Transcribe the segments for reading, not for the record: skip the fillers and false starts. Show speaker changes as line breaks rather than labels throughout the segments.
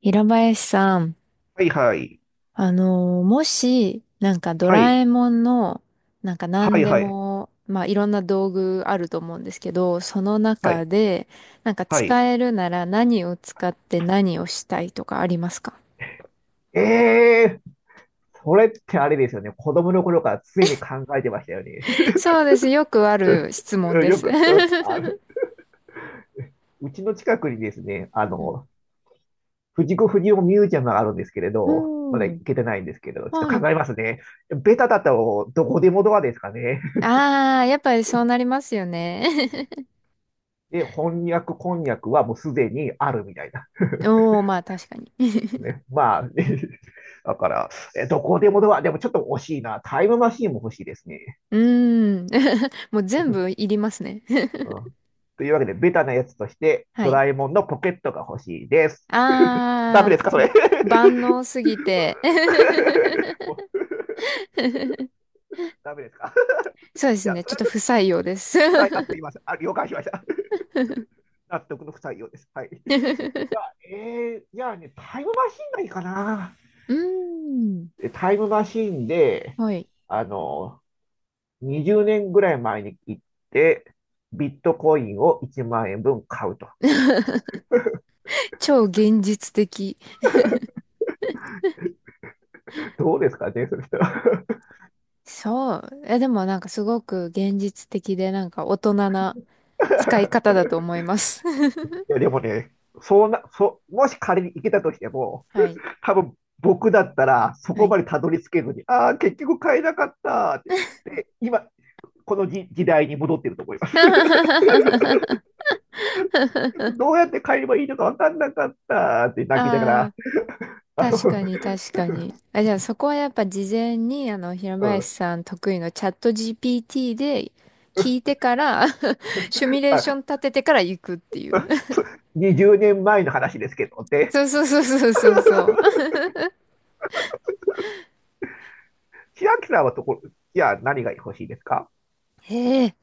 平林さん、
はいはい。
もし、ド
は
ラ
い。
えもんの、なんか
は
何
い
で
はい。
も、まあいろんな道具あると思うんですけど、その
は
中
い。
で、なんか
はい。
使えるなら何を使って何をしたいとかありますか？
ええーそれ、
そうです。よくある質問で
よ
す。
く、あ る、うちの近くにですね、
う
藤子不二雄ミュージアムがあるんですけれど、まだ
ん。う
行
ん、
けてないんですけれど、ちょっと
はい。
考えますね。ベタだとどこでもドアですかね。
ああ、やっぱりそうなりますよね。
で、翻訳、こんにゃくはもうすでにあるみたいな。
おー、まあ確かに。
ね、まあ、だから、どこでもドア、でもちょっと惜しいな。タイムマシーンも欲しいですね。
うーん。もう全部いりますね。
うん、というわけで、ベタなやつとして、
は
ド
い。
ラえもんのポケットが欲しいです。ダメ
あ
ですか、そ
あ、
れ
万能すぎて。
もう ダメですか
そうで
い
す
や、
ね。
そ
ちょ
れ
っ
は
と
ちょっ
不
と
採用です。 う
不採用すいません。了解しました 納得の不採用です。はい。いや、えじゃあね、タイムマシンがいいかな。
ーん。
タイムマシンで、
はい。
あの、20年ぐらい前に行って、ビットコインを1万円分買うと。
超現実的。
どうですかね、それ人。
そう。え、でもなんかすごく現実的でなんか大人な使い方 だと思います。
いや、でもね、そうな、そう、もし仮に行けたとしても、
はい。
多分僕だったら、そ
は
こ
い。
までたどり着けずに、ああ、結局買えなかったって。で、今、この時代に戻ってると思います。どうやって買えばいいのか分かんなかったって泣きなが
あ
ら、
あ。
あの、
確かに確かに。あ、じゃあそこはやっぱ事前に、あの、平
う
林
ん、
さん得意のチャット GPT で聞いてから、 シミュレーショ
あ
ン立ててから行くっていう。
20年前の話ですけどっ て、
そうそうそうそうそうそう。
千秋さんはところ、じゃあ何が欲しいですか？
へえ。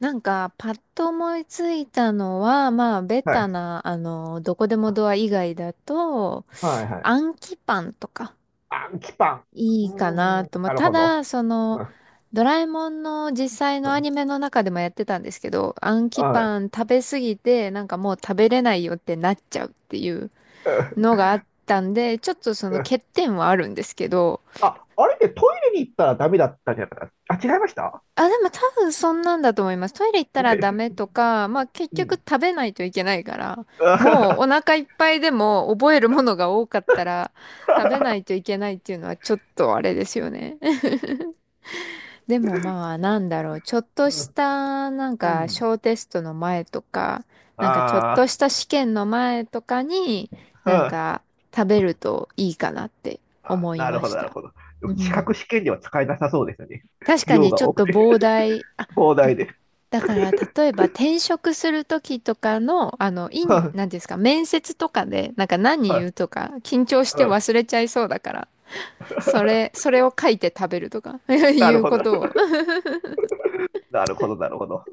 なんか、パッと思いついたのは、まあ、ベ
は
タ
い。
な、あの、どこでもドア以外だと、
はいはい。
暗記パンとか。
アンキパン。
い
う
いかな
ーん、
と。まあ、
なる
た
ほど。
だ、そ
う
の、
ん
ドラえもんの実際
う
のア
ん
ニメの中でもやってたんですけど、アンキ
はい。
パン食べすぎて、なんかもう食べれないよってなっちゃうっていう
う
の
ん
があったんで、ちょっとその
うん
欠点はあるんですけど、
あ、あれでレに行ったらダメだったんじゃなかった？違いました
あ、でも多分そんなんだと思います。トイレ行ったらダ
ね。
メとか、まあ結
う
局
ん
食べないといけないから、
う
もうお
ん。
腹いっぱいでも覚えるものが多かったら食べないといけないっていうのはちょっとあれですよね。でもまあなんだろう、ちょっとしたなんか小テストの前とか、なんかちょっと
あ
した試験の前とかに
ーう
なん
ん
か食べるといいかなって
あ、
思い
なる
ま
ほ
し
ど、なる
た。
ほど。で
う
も資
ん。
格試験では使えなさそうですよね。
確か
量
にち
が
ょっ
多く
と
て、
膨大、あ、
膨大で。
だから例えば転職する時とかの、あの、イン、なん
は
て
い、
いうんですか、面接とかでなんか何
は
言
い、
うとか緊張し
う
て
ん。
忘れちゃいそうだから、それを書いて食べるとか、 い
なる
う
ほど、
ことを。
なるほど、なるほど。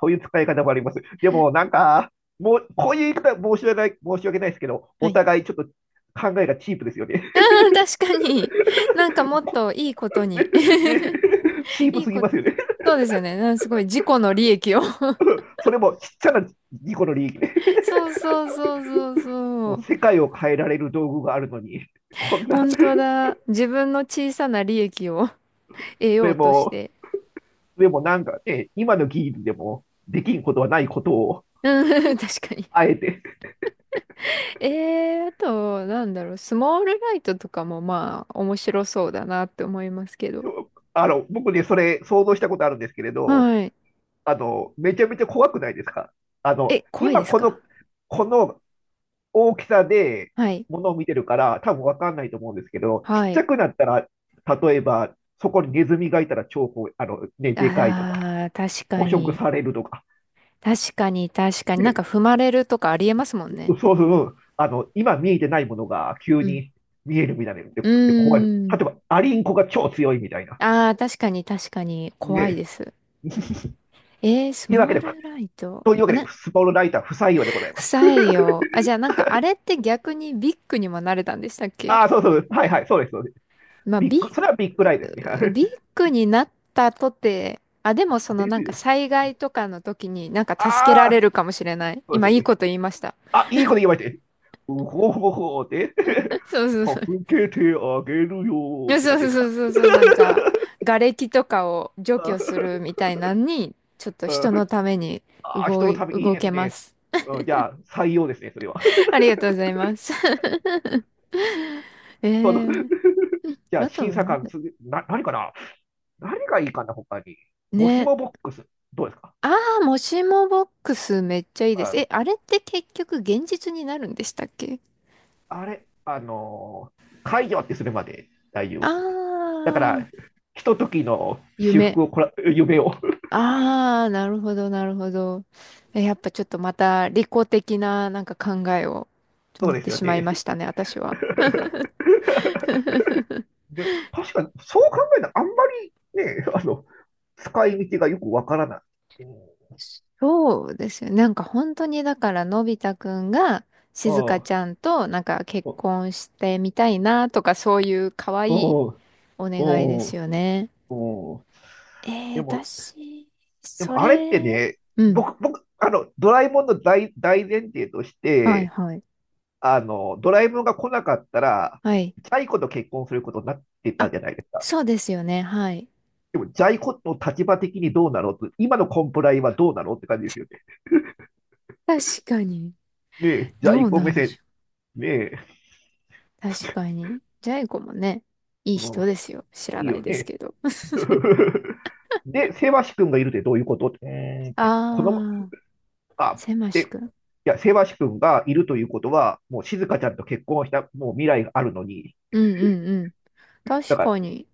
そういう使い方もあります。でも、なんか、もう、こういう言い方は申し訳ない、申し訳ないですけど、
は
お
い。
互いちょっと考えがチープですよね。
確かに、なんかもっといいことに。
ね、ね、チ ー
い
プ
い
すぎ
こと、
ますよね。
そうですよね。なんかすごい自己の利益を。
それもちっちゃな2個の利益ね。
そうそうそうそうそ
もう
う。
世界を変えられる道具があるのに、こんな、
本当だ。自分の小さな利益を 得
そ
よ
れ
うとし
も
て。
でもなんかね、今の技術でもできんことはないことを、
うん、確かに。
あえて、
えー、あと、なんだろう、スモールライトとかもまあ、面白そうだなって思いますけど。
あの、僕ね、それ想像したことあるんですけれど、
はい。
あの、めちゃめちゃ怖くないですか？あの、
え、怖いで
今
す
こ
か？
の、この大きさで
はい。
物を見てるから、多分わかんないと思うんですけど、ちっ
は
ちゃ
い。
くなったら、例えば、そこにネズミがいたら超あの、ね、でかいとか、
ああ、確か
捕食
に。
されるとか、
確かに、確かに。なんか
ね、
踏まれるとかありえますもん
そ
ね。
うそうそう。あの、今見えてないものが急
うん、
に見えるみたいなので、
う
で怖い。例
ーん。
えば、アリンコが超強いみたいな。
ああ、確かに確かに
ね
怖いで
え。
す。えー、ス
というわけ
モー
で、
ルライト。
というわ
あ、
けで、
な、
スポールライター不採用でござい
不
ます。
採用。あ、じゃあなんかあれって逆にビッグにもなれたんでしたっ け？
ああ、そうそう。はいはい、そうです。そうです。
まあ、
ビッグ、それはビッグライですね。
ビッグになったとて、あ、でも その
で
な
す
んか
よね。
災害とかの時になんか助けら
あ
れ
あ、
るかもしれない。
そうです
今
よ
いい
ね。
こと言いました。
あ、いいこと言われて。うほほほで、
そ うそうそう。
助けてあげる
い
よっ
や
て
そ
感
うそ
じで
う
す
そ
か？
うそうそう、なんか、瓦礫とかを除去す るみたいなのに、ちょっと人のために
ああ、人のためいい
動
です
けま
ね。
す。
うんじゃあ、採用ですね、それは。
ありがとうございます。
その
えー、
じゃあ、
あと
審
は
査
なん
官、
だ。
何かな？何がいいかな、他に。もし
ね。
もボックス、どうですか？
ああ、もしもボックスめっちゃいいで
は
す。え、
い。
あれって結局現実になるんでしたっけ？
あれ、あのー解除ってするまで大丈
あ
夫ですね。だか
あ
ら、
ー、
ひとときの私
夢。
服をこら、夢を。
ああ、なるほど、なるほど。え、やっぱちょっとまた利己的ななんか考えを
そ
持
う
っ
で
て
すよ
しまいま
ね。
したね、私は。
で、確かに、そう考えたら、あんまりね、あの、使い道がよくわからない。うん。
そうですよ。なんか本当にだからのび太くんが静香
ああ、
ちゃんとなんか結
お、
婚してみたいなとかそういう可愛い
おう
お願いで
おうお
す
う
よね。
う
えー、
でも、
私、
で
そ
も
れ、
あれってね、
うん。
僕、あの、ドラえもんの大前提とし
はい
て、
はい。
あの、ドラえもんが来なかったら、
はい。
ジャイ子と結婚することになってた
あ、
じゃないですか。
そうですよね。はい。
でも、ジャイ子の立場的にどうなのと、今のコンプライはどうなのって感じですよね。
確かに。
ねえ、ジャ
ど
イ
う
子
な
目
んでし
線、
ょ
ねえ、
う。確かに。ジャイ子もね、いい
う
人
ん、
ですよ。知ら
いい
ない
よ
です
ね。
けど。
で、セバシ君がいるってどういうことってうーんって、この、
あー、
あ、
せま
で、
し
い
くん。
や、セバシ君がいるということは、もう静香ちゃんと結婚した、もう未来があるのに、
うんうんうん。
だ
確
か
かに。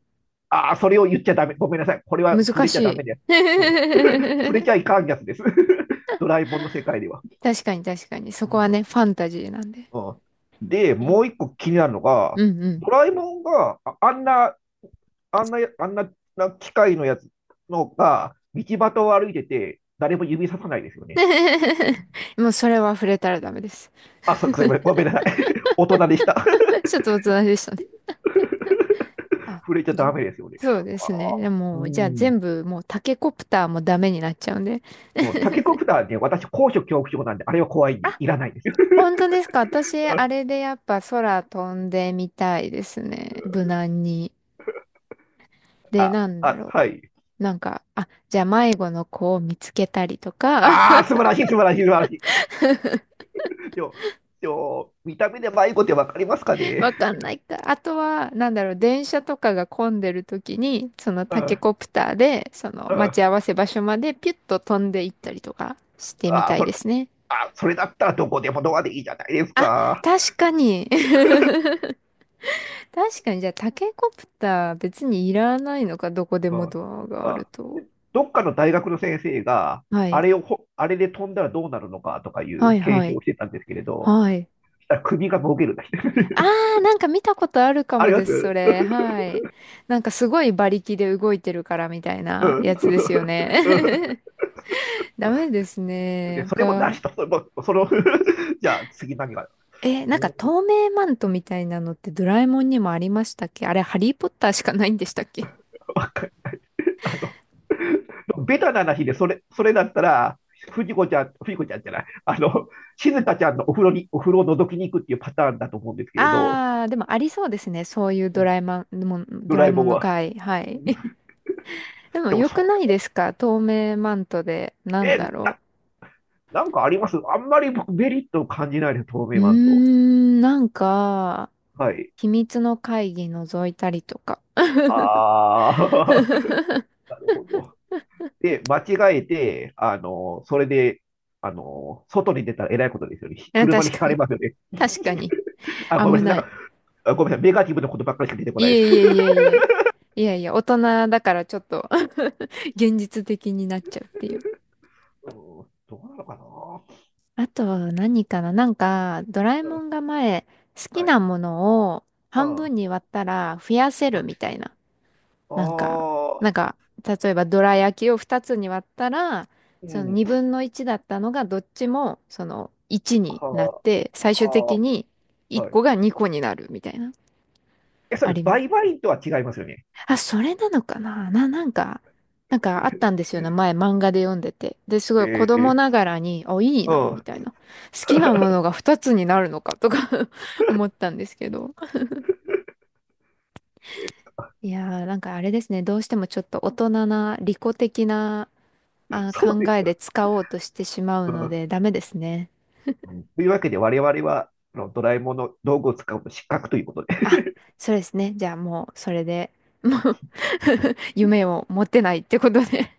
ああ、それを言っちゃダメ。ごめんなさい。これは触
難
れち
し
ゃダ
い。
メです。うん、触れ ちゃいかんやつです。ドラえもんの世界では。
確かに確かに。そ
う
こは
ん
ね、ファンタジーなんで。
うん、で、も
え、
う一個気になるのが、
うんうん。
ドラえもんがああんな、あんな、あんなな機械のやつのが、道端を歩いてて、誰も指ささないですよね。
もうそれは触れたらダメです。
あ、そう、すいません。ごめんなさい。大人でした。
ちょっと大人でしたね。あ、
触れちゃダ
じ、
メですよね。
そうですね。で
う
も、じゃあ
ん。
全部もうタケコプターもダメになっちゃうんで。
うんタケコプターね、私、高所恐怖症なんで、あれは怖いに
あ、
いらないですよ。
本当ですか。私、あれ でやっぱ空飛んでみたいですね。無難に。で、
あ、
なんだ
あ、
ろ
はい。
う。なんか、あ、じゃあ迷子の子を見つけたりとか。
ああ、素晴らしい、素晴らしい、素晴らしい。でも、でも、見た目で迷子ってわかりますかね？
わかんないか。あとは、なんだろう、電車とかが混んでる時に、その
う
タ
ん、う
ケ
ん。
コプターで、その待ち合わせ場所までピュッと飛んでいったりとかしてみ
あ、
たい
そ
で
れ、
すね。
あ、それだったらどこでもドアでいいじゃないです
あ、
か。
確かに。確かに、じゃあタケコプター別にいらないのか、どこで
う
も
ん、
ドアがある
あ、
と。
どっかの大学の先生が、
は
あ
い。
れをほ、あれで飛んだらどうなるのかとかい
は
う
いは
検証
い。
をしてたんですけれど、
はい。
したら首がもげるだけ。
あー、なんか見たことあるか
あ
も
りま
で
す
す、それ。はい。なんかすごい馬力で動いてるからみたいな
うん。
や つ
そう
で
そう
す
そ
よ
うう
ね。ダメです
んで、
ね。
それもな
他、
しと、それも、その じゃあ次何が、
え、なん
う
か
ん、
透明マントみたいなのってドラえもんにもありましたっけ？あれ、ハリーポッターしかないんでしたっけ？
あかベタな話で、それだったら、藤子ちゃん、藤子ちゃんじゃない、あの、静香ちゃんのお風呂に、お風呂を覗きに行くっていうパターンだと思うんですけれど、
あー、でもありそうですね。そういう
うんド
ド
ラ
ラえ
えも
も
ん
んの
は。
回。は
う
い。え、
ん
でも
でも
良く
そ
ないですか透明マントで。な
うや。
んだろ
なんかあります？あんまり僕メリットを感じないです、透
う。
明
うー
マンと。
ん、なんか、
はい。
秘密の会議覗いたりとか。う
あー、なるほど。で、間違えて、あの、それで、あの、外に出たらえらいことですよね。
ん
車に
確
ひか
か
れ
に。
ますよね。
確かに。
あ、ごめ
危
んなさい。
な
な
い。
んか、ごめんなさい。ネガティブなことばっかりしか出てこ
い
ないで
え
す。
いえいえいえ。いやいや、大人だからちょっと 現実的になっちゃうっていう。
うんどうなのかな
あと何かな、なんか、ドラえ
うん
もんが前、好き
は
な
い。
ものを
うん。
半
あ、
分に割ったら増やせる
あ
みたいな。なんか、な
ー、
んか、例えばドラ焼きを2つに割ったら、
う
その
ん。
2分の1だったのがどっちもその1になっ
は
て、最
あ、
終
あ
的に
ー
1
はい。
個が2個になるみたいな。
え、そ
あ
れ、
ります、
売買とは違いますよね。
あ、それなのかな、な、なんか、なんかあったんですよね。前漫画で読んでて。で、すごい子供
ええ
ながらに、あ、いい
う
な、み
ん。
たいな。好きなも
そ
のが二つになるのか、とか、 思ったんですけど。
うです
いやー、なんかあれですね。どうしてもちょっと大人な、利己的な、あ、考
よ。
えで使おうとしてしまうので、ダメですね。
うん。というわけで、我々は、あのドラえもんの道具を使うと失格ということで
あ、そうですね。じゃあもう、それで、もう 夢を持てないってことで